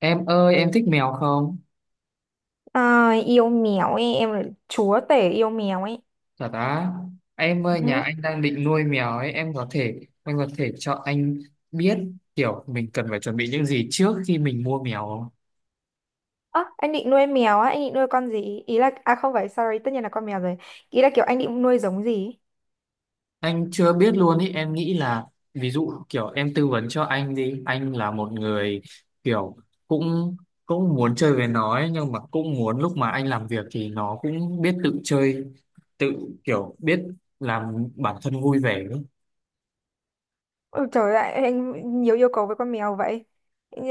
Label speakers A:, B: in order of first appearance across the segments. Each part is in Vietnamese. A: Em ơi, em thích mèo không?
B: À, yêu mèo ấy, em là chúa tể yêu mèo ấy.
A: Thật á, em ơi, nhà
B: Ừ.
A: anh đang định nuôi mèo ấy, em có thể, anh có thể cho anh biết kiểu mình cần phải chuẩn bị những gì trước khi mình mua mèo không?
B: Ơ, anh định nuôi mèo á, anh định nuôi con gì? Ý là, à không phải, sorry, tất nhiên là con mèo rồi. Ý là kiểu anh định nuôi giống gì?
A: Anh chưa biết luôn ý, em nghĩ là, ví dụ kiểu em tư vấn cho anh đi, anh là một người kiểu cũng cũng muốn chơi với nó ấy, nhưng mà cũng muốn lúc mà anh làm việc thì nó cũng biết tự chơi, tự kiểu biết làm bản thân vui vẻ ấy.
B: Ôi trời ơi, anh nhiều yêu cầu với con mèo vậy. Ờ,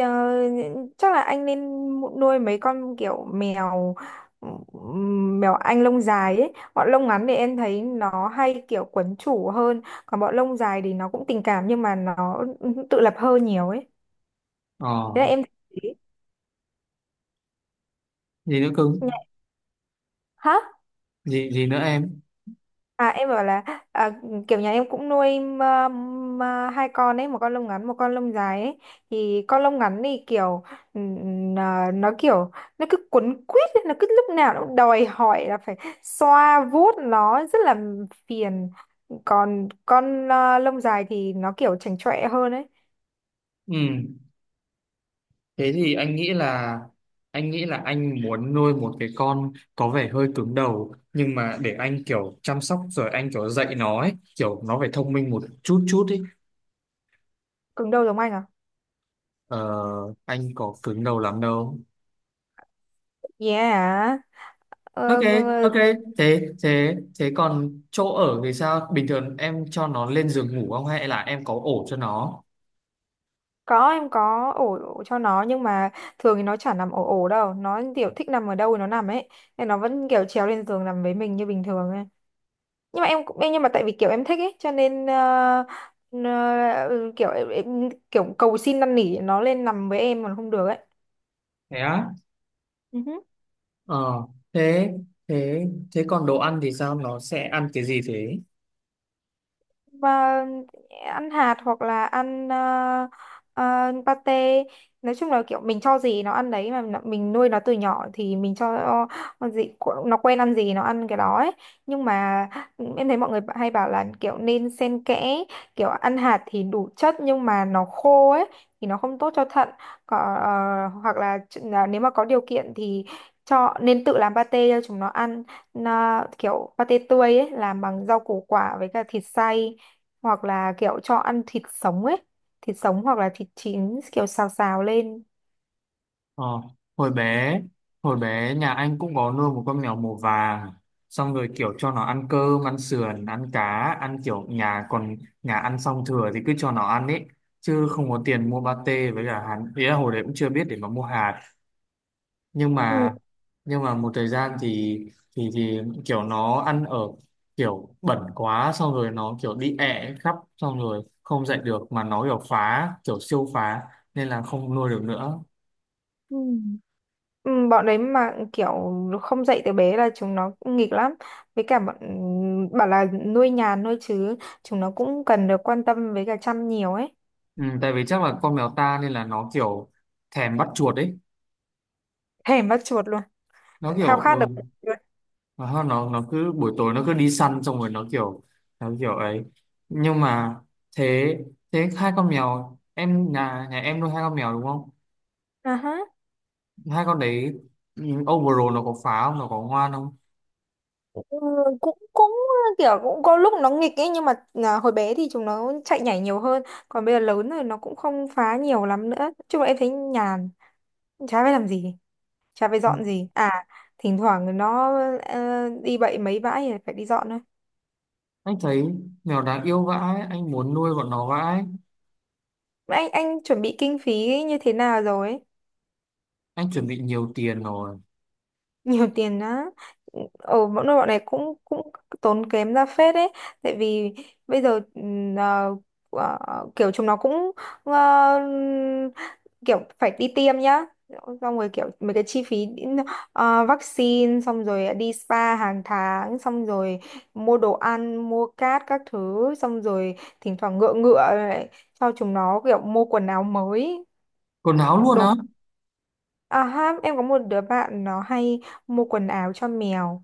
B: chắc là anh nên nuôi mấy con kiểu mèo mèo anh lông dài ấy. Bọn lông ngắn thì em thấy nó hay kiểu quấn chủ hơn, còn bọn lông dài thì nó cũng tình cảm nhưng mà nó tự lập hơn nhiều ấy.
A: Ờ,
B: Thế là em thấy.
A: gì nữa cưng?
B: Hả?
A: Gì, gì nữa em?
B: À, em bảo là, à, kiểu nhà em cũng nuôi hai con ấy, một con lông ngắn, một con lông dài ấy. Thì con lông ngắn thì kiểu, nó kiểu nó cứ quấn quýt ấy, nó cứ lúc nào nó cũng đòi hỏi là phải xoa vuốt nó, rất là phiền. Còn con, lông dài thì nó kiểu chảnh chọe hơn ấy.
A: Ừ. Thế thì anh nghĩ là anh muốn nuôi một cái con có vẻ hơi cứng đầu nhưng mà để anh kiểu chăm sóc rồi anh kiểu dạy nó ấy, kiểu nó phải thông minh một chút chút ấy.
B: Cứng đầu giống anh à?
A: Ờ, anh có cứng đầu lắm đâu.
B: Yeah. Ờ.
A: Ok,
B: Ờ.
A: ok. Thế thế thế còn chỗ ở thì sao? Bình thường em cho nó lên giường ngủ không hay là em có ổ cho nó?
B: Có, em có ổ cho nó, nhưng mà thường thì nó chả nằm ổ ổ đâu, nó kiểu thích nằm ở đâu thì nó nằm ấy, nên nó vẫn kiểu trèo lên giường nằm với mình như bình thường ấy. Nhưng mà em cũng, nhưng mà tại vì kiểu em thích ấy, cho nên kiểu em kiểu cầu xin năn nỉ nó lên nằm với em còn không được
A: Thế á?
B: ấy.
A: Ờ, thế thế thế còn đồ ăn thì sao? Nó sẽ ăn cái gì thế?
B: Và ăn hạt hoặc là ăn, pate. Nói chung là kiểu mình cho gì nó ăn đấy, mà nó- mình nuôi nó từ nhỏ thì mình cho nó gì, nó quen ăn gì nó ăn cái đó ấy. Nhưng mà em thấy mọi người hay bảo là kiểu nên xen kẽ, kiểu ăn hạt thì đủ chất nhưng mà nó khô ấy, thì nó không tốt cho thận. Có, ờ, hoặc là, là nếu mà có điều kiện thì cho nên tự làm pate cho chúng nó ăn, nó kiểu pate tươi ấy, làm bằng rau củ quả với cả thịt xay, hoặc là kiểu cho ăn thịt sống ấy. Thịt sống hoặc là thịt chín kiểu xào xào lên.
A: Ờ, hồi bé hồi bé nhà anh cũng có nuôi một con mèo màu vàng xong rồi kiểu cho nó ăn cơm ăn sườn ăn cá ăn kiểu nhà còn nhà ăn xong thừa thì cứ cho nó ăn ấy chứ không có tiền mua pate với cả hạt ý là hồi đấy cũng chưa biết để mà mua hạt nhưng
B: Ừ.
A: mà nhưng mà một thời gian thì thì kiểu nó ăn ở kiểu bẩn quá xong rồi nó kiểu đi ẹ khắp xong rồi không dạy được mà nó kiểu phá kiểu siêu phá nên là không nuôi được nữa.
B: Ừ. Ừ, bọn đấy mà kiểu không dạy từ bé là chúng nó cũng nghịch lắm, với cả bọn bảo là nuôi nhàn nuôi chứ chúng nó cũng cần được quan tâm với cả chăm nhiều ấy.
A: Ừ, tại vì chắc là con mèo ta nên là nó kiểu thèm bắt chuột ấy
B: Thèm bắt chuột luôn,
A: nó
B: khao
A: kiểu
B: khát
A: ừ,
B: được bắt
A: nó cứ buổi tối nó cứ đi săn xong rồi nó kiểu ấy nhưng mà thế thế hai con mèo em nhà nhà em nuôi hai con mèo đúng không
B: chuột.
A: hai con đấy ừ, overall nó có phá không nó có ngoan không?
B: Ừ, cũng cũng kiểu cũng có lúc nó nghịch ấy, nhưng mà hồi bé thì chúng nó chạy nhảy nhiều hơn, còn bây giờ lớn rồi nó cũng không phá nhiều lắm nữa. Nói chung là em thấy nhàn, chả phải làm gì, chả phải
A: Ừ,
B: dọn gì à. Thỉnh thoảng nó đi bậy mấy bãi thì phải đi dọn thôi.
A: anh thấy mèo đáng yêu vãi anh muốn nuôi bọn nó vãi.
B: Mà anh chuẩn bị kinh phí như thế nào rồi ấy?
A: Anh chuẩn bị nhiều tiền rồi.
B: Nhiều tiền á? Ở bọn nơi bọn này cũng cũng tốn kém ra phết đấy, tại vì bây giờ kiểu chúng nó cũng, ờ, kiểu phải đi tiêm nhá, xong rồi kiểu mấy cái chi phí, vaccine, xong rồi đi spa hàng tháng, xong rồi mua đồ ăn, mua cát các thứ, xong rồi thỉnh thoảng ngựa ngựa lại cho chúng nó kiểu mua quần áo mới,
A: Quần áo luôn á?
B: đồ. À ha, em có một đứa bạn nó hay mua quần áo cho mèo.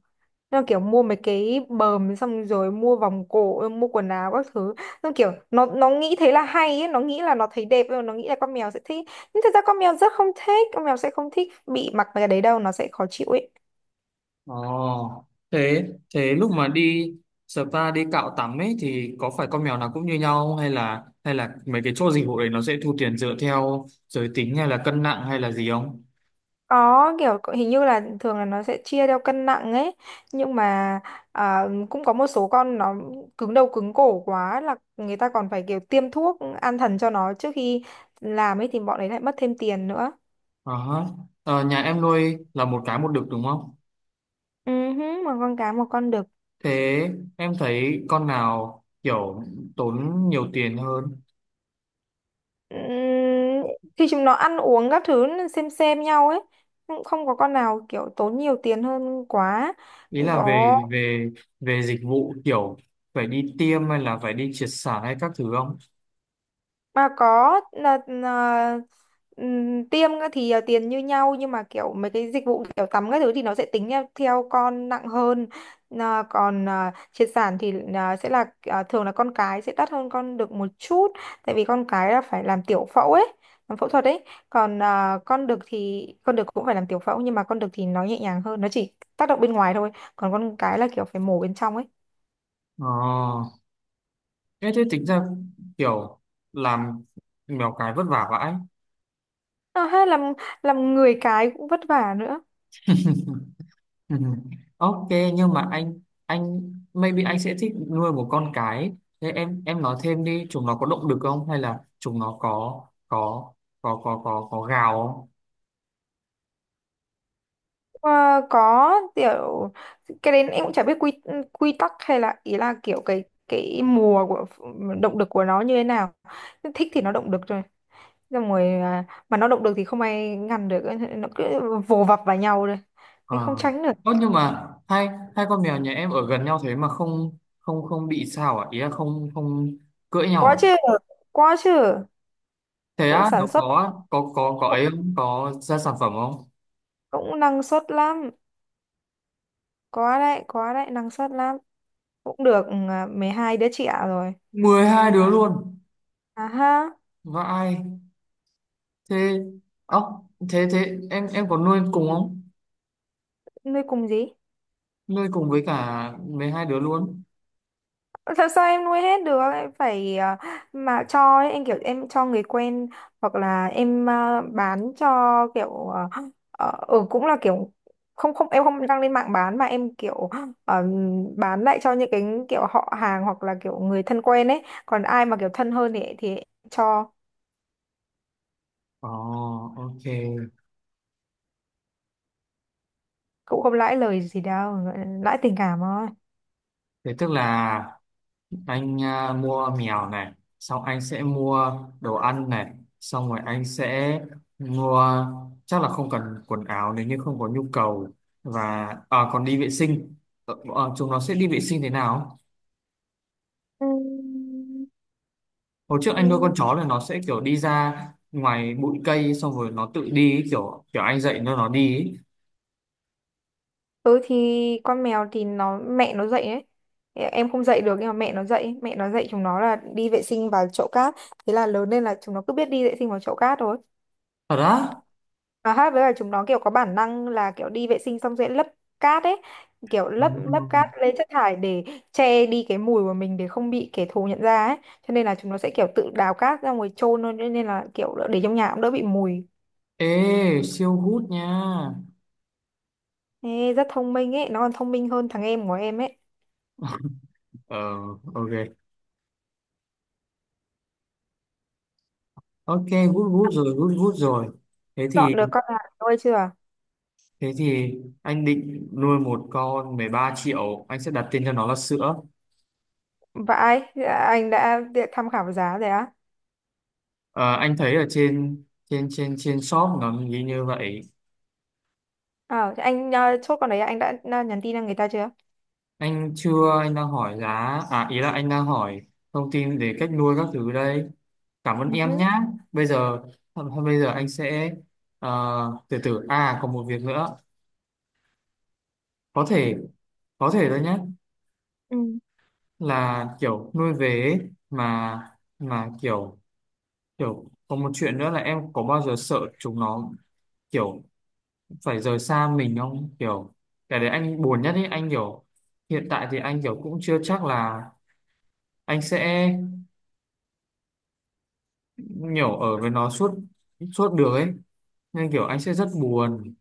B: Nó kiểu mua mấy cái bờm, xong rồi mua vòng cổ, mua quần áo các thứ. Nó kiểu nó nghĩ thế là hay ấy, nó nghĩ là nó thấy đẹp, nó nghĩ là con mèo sẽ thích. Nhưng thật ra con mèo rất không thích, con mèo sẽ không thích bị mặc mấy cái đấy đâu, nó sẽ khó chịu ấy.
A: Ồ, thế thế lúc mà đi spa đi cạo tắm ấy thì có phải con mèo nào cũng như nhau không? Hay là hay là mấy cái chỗ dịch vụ đấy nó sẽ thu tiền dựa theo giới tính hay là cân nặng hay là gì không?
B: Có kiểu hình như là thường là nó sẽ chia theo cân nặng ấy, nhưng mà à, cũng có một số con nó cứng đầu cứng cổ quá là người ta còn phải kiểu tiêm thuốc an thần cho nó trước khi làm ấy, thì bọn đấy lại mất thêm tiền nữa.
A: Ờ, hả. Ờ, nhà em nuôi là một cái một đực đúng không?
B: Ừ hứ, một con cá một con đực.
A: Thế em thấy con nào kiểu tốn nhiều tiền hơn?
B: Ừm, khi chúng nó ăn uống các thứ nó xem nhau ấy, cũng không có con nào kiểu tốn nhiều tiền hơn quá.
A: Ý là
B: Có,
A: về về về dịch vụ kiểu phải đi tiêm hay là phải đi triệt sản hay các thứ không?
B: mà có là tiêm á thì tiền như nhau, nhưng mà kiểu mấy cái dịch vụ kiểu tắm các thứ thì nó sẽ tính theo, theo con nặng hơn. Là còn triệt sản thì là sẽ là thường là con cái sẽ đắt hơn con đực một chút, tại vì con cái là phải làm tiểu phẫu ấy, làm phẫu thuật ấy. Còn con đực thì con đực cũng phải làm tiểu phẫu, nhưng mà con đực thì nó nhẹ nhàng hơn, nó chỉ tác động bên ngoài thôi. Còn con cái là kiểu phải mổ bên trong ấy.
A: Ờ. Thế thế tính ra kiểu làm mèo cái vất vả vãi.
B: Hay làm người cái cũng vất vả nữa.
A: Ừ. Ok nhưng mà anh maybe anh sẽ thích nuôi một con cái. Thế em nói thêm đi, chúng nó có động lực không hay là chúng nó có có gào không?
B: Ờ, có, kiểu cái đấy em cũng chả biết quy quy tắc hay là, ý là kiểu cái mùa của, động lực của nó như thế nào. Thích thì nó động lực rồi, xong rồi mà nó động lực thì không ai ngăn được, nó cứ vồ vập vào nhau rồi, nên
A: Ờ.
B: không tránh được.
A: Ơ, nhưng mà hai hai con mèo nhà em ở gần nhau thế mà không không không bị sao à? Ý là không không cưỡi nhau
B: Quá chứ,
A: à?
B: quá chứ.
A: Thế
B: Cũng
A: á, nó
B: sản xuất,
A: có
B: cũng,
A: ấy không? Có ra sản phẩm không?
B: cũng năng suất lắm. Có đấy, có đấy, năng suất lắm. Cũng được, 12 đứa trẻ rồi.
A: Mười hai đứa luôn.
B: À ha.
A: Vãi. Thế ốc thế thế em có nuôi cùng không?
B: Nuôi cùng gì?
A: Nuôi cùng với cả với hai đứa luôn?
B: Làm sao em nuôi hết được, em phải, mà cho ấy, em kiểu em cho người quen, hoặc là em, bán cho, kiểu, cũng là kiểu không không em không đăng lên mạng bán, mà em kiểu, ờ, bán lại cho những cái kiểu họ hàng hoặc là kiểu người thân quen ấy. Còn ai mà kiểu thân hơn thì em cho.
A: Ồ, ok.
B: Cũng không lãi lời gì đâu, lãi tình cảm thôi.
A: Thế tức là anh à, mua mèo này, xong anh sẽ mua đồ ăn này, xong rồi anh sẽ mua chắc là không cần quần áo nếu như không có nhu cầu và à, còn đi vệ sinh. Ờ, ờ, chúng nó sẽ đi vệ sinh thế nào? Hồi trước anh nuôi
B: Ừ.
A: con chó là nó sẽ kiểu đi ra ngoài bụi cây xong rồi nó tự đi ấy, kiểu kiểu anh dạy nó đi ấy.
B: Ừ thì con mèo thì nó mẹ nó dậy đấy. Em không dậy được nhưng mà mẹ nó dậy chúng nó là đi vệ sinh vào chậu cát. Thế là lớn lên là chúng nó cứ biết đi vệ sinh vào chậu cát thôi.
A: Thật á?
B: Và hát với là chúng nó kiểu có bản năng là kiểu đi vệ sinh xong sẽ lấp cát ấy, kiểu lấp lấp cát
A: Ừ.
B: lên chất thải để che đi cái mùi của mình, để không bị kẻ thù nhận ra ấy. Cho nên là chúng nó sẽ kiểu tự đào cát ra ngoài chôn thôi, cho nên là kiểu để trong nhà cũng đỡ bị mùi.
A: Ê, siêu gút nha.
B: Ê, rất thông minh ấy, nó còn thông minh hơn thằng em của em ấy.
A: Ờ, ok. Ok, gút gút rồi, gút gút rồi. Thế thì
B: Chọn được con nào nuôi chưa?
A: thế thì anh định nuôi một con 13 triệu, anh sẽ đặt tên cho nó là sữa.
B: Vãi, anh đã tham khảo giá rồi á.
A: Ờ, anh thấy ở trên trên shop nó ghi như vậy.
B: Ờ, thế anh, chốt con đấy anh đã, nhắn tin cho người ta chưa?
A: Anh chưa, anh đang hỏi giá, à ý là anh đang hỏi thông tin về cách nuôi các thứ đây. Cảm ơn
B: Ừ
A: em
B: hứ.
A: nhá. Bây giờ thôi, bây giờ anh sẽ ờ, từ từ à còn một việc nữa. Có thể có thể thôi nhé
B: Ừ.
A: là kiểu nuôi về ấy, mà mà kiểu kiểu có một chuyện nữa là em có bao giờ sợ chúng nó kiểu phải rời xa mình không kiểu cái đấy anh buồn nhất ấy anh kiểu hiện tại thì anh kiểu cũng chưa chắc là anh sẽ kiểu ở với nó suốt suốt được ấy nên kiểu anh sẽ rất buồn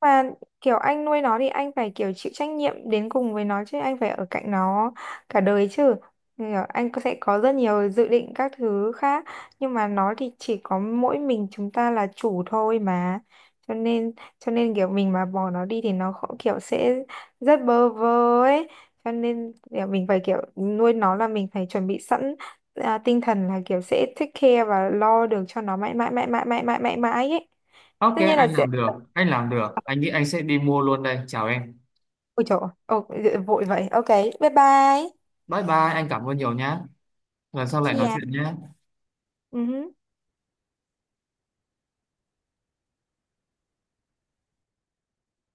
B: Mà kiểu anh nuôi nó thì anh phải kiểu chịu trách nhiệm đến cùng với nó chứ, anh phải ở cạnh nó cả đời chứ. Thì là anh sẽ có rất nhiều dự định các thứ khác, nhưng mà nó thì chỉ có mỗi mình chúng ta là chủ thôi mà, cho nên kiểu mình mà bỏ nó đi thì nó kiểu sẽ rất bơ vơ ấy. Cho nên kiểu mình phải kiểu nuôi nó là mình phải chuẩn bị sẵn, tinh thần là kiểu sẽ take care và lo được cho nó mãi mãi mãi mãi mãi mãi mãi mãi ấy.
A: ok
B: Tất nhiên là
A: anh
B: sẽ.
A: làm được anh làm được anh nghĩ anh sẽ đi mua luôn đây chào em
B: Ôi trời ơi. Ồ, vội vậy. Ok, bye bye.
A: bye bye anh cảm ơn nhiều nhá lần sau lại
B: See
A: nói
B: ya.
A: chuyện nhé
B: Ừ hứ.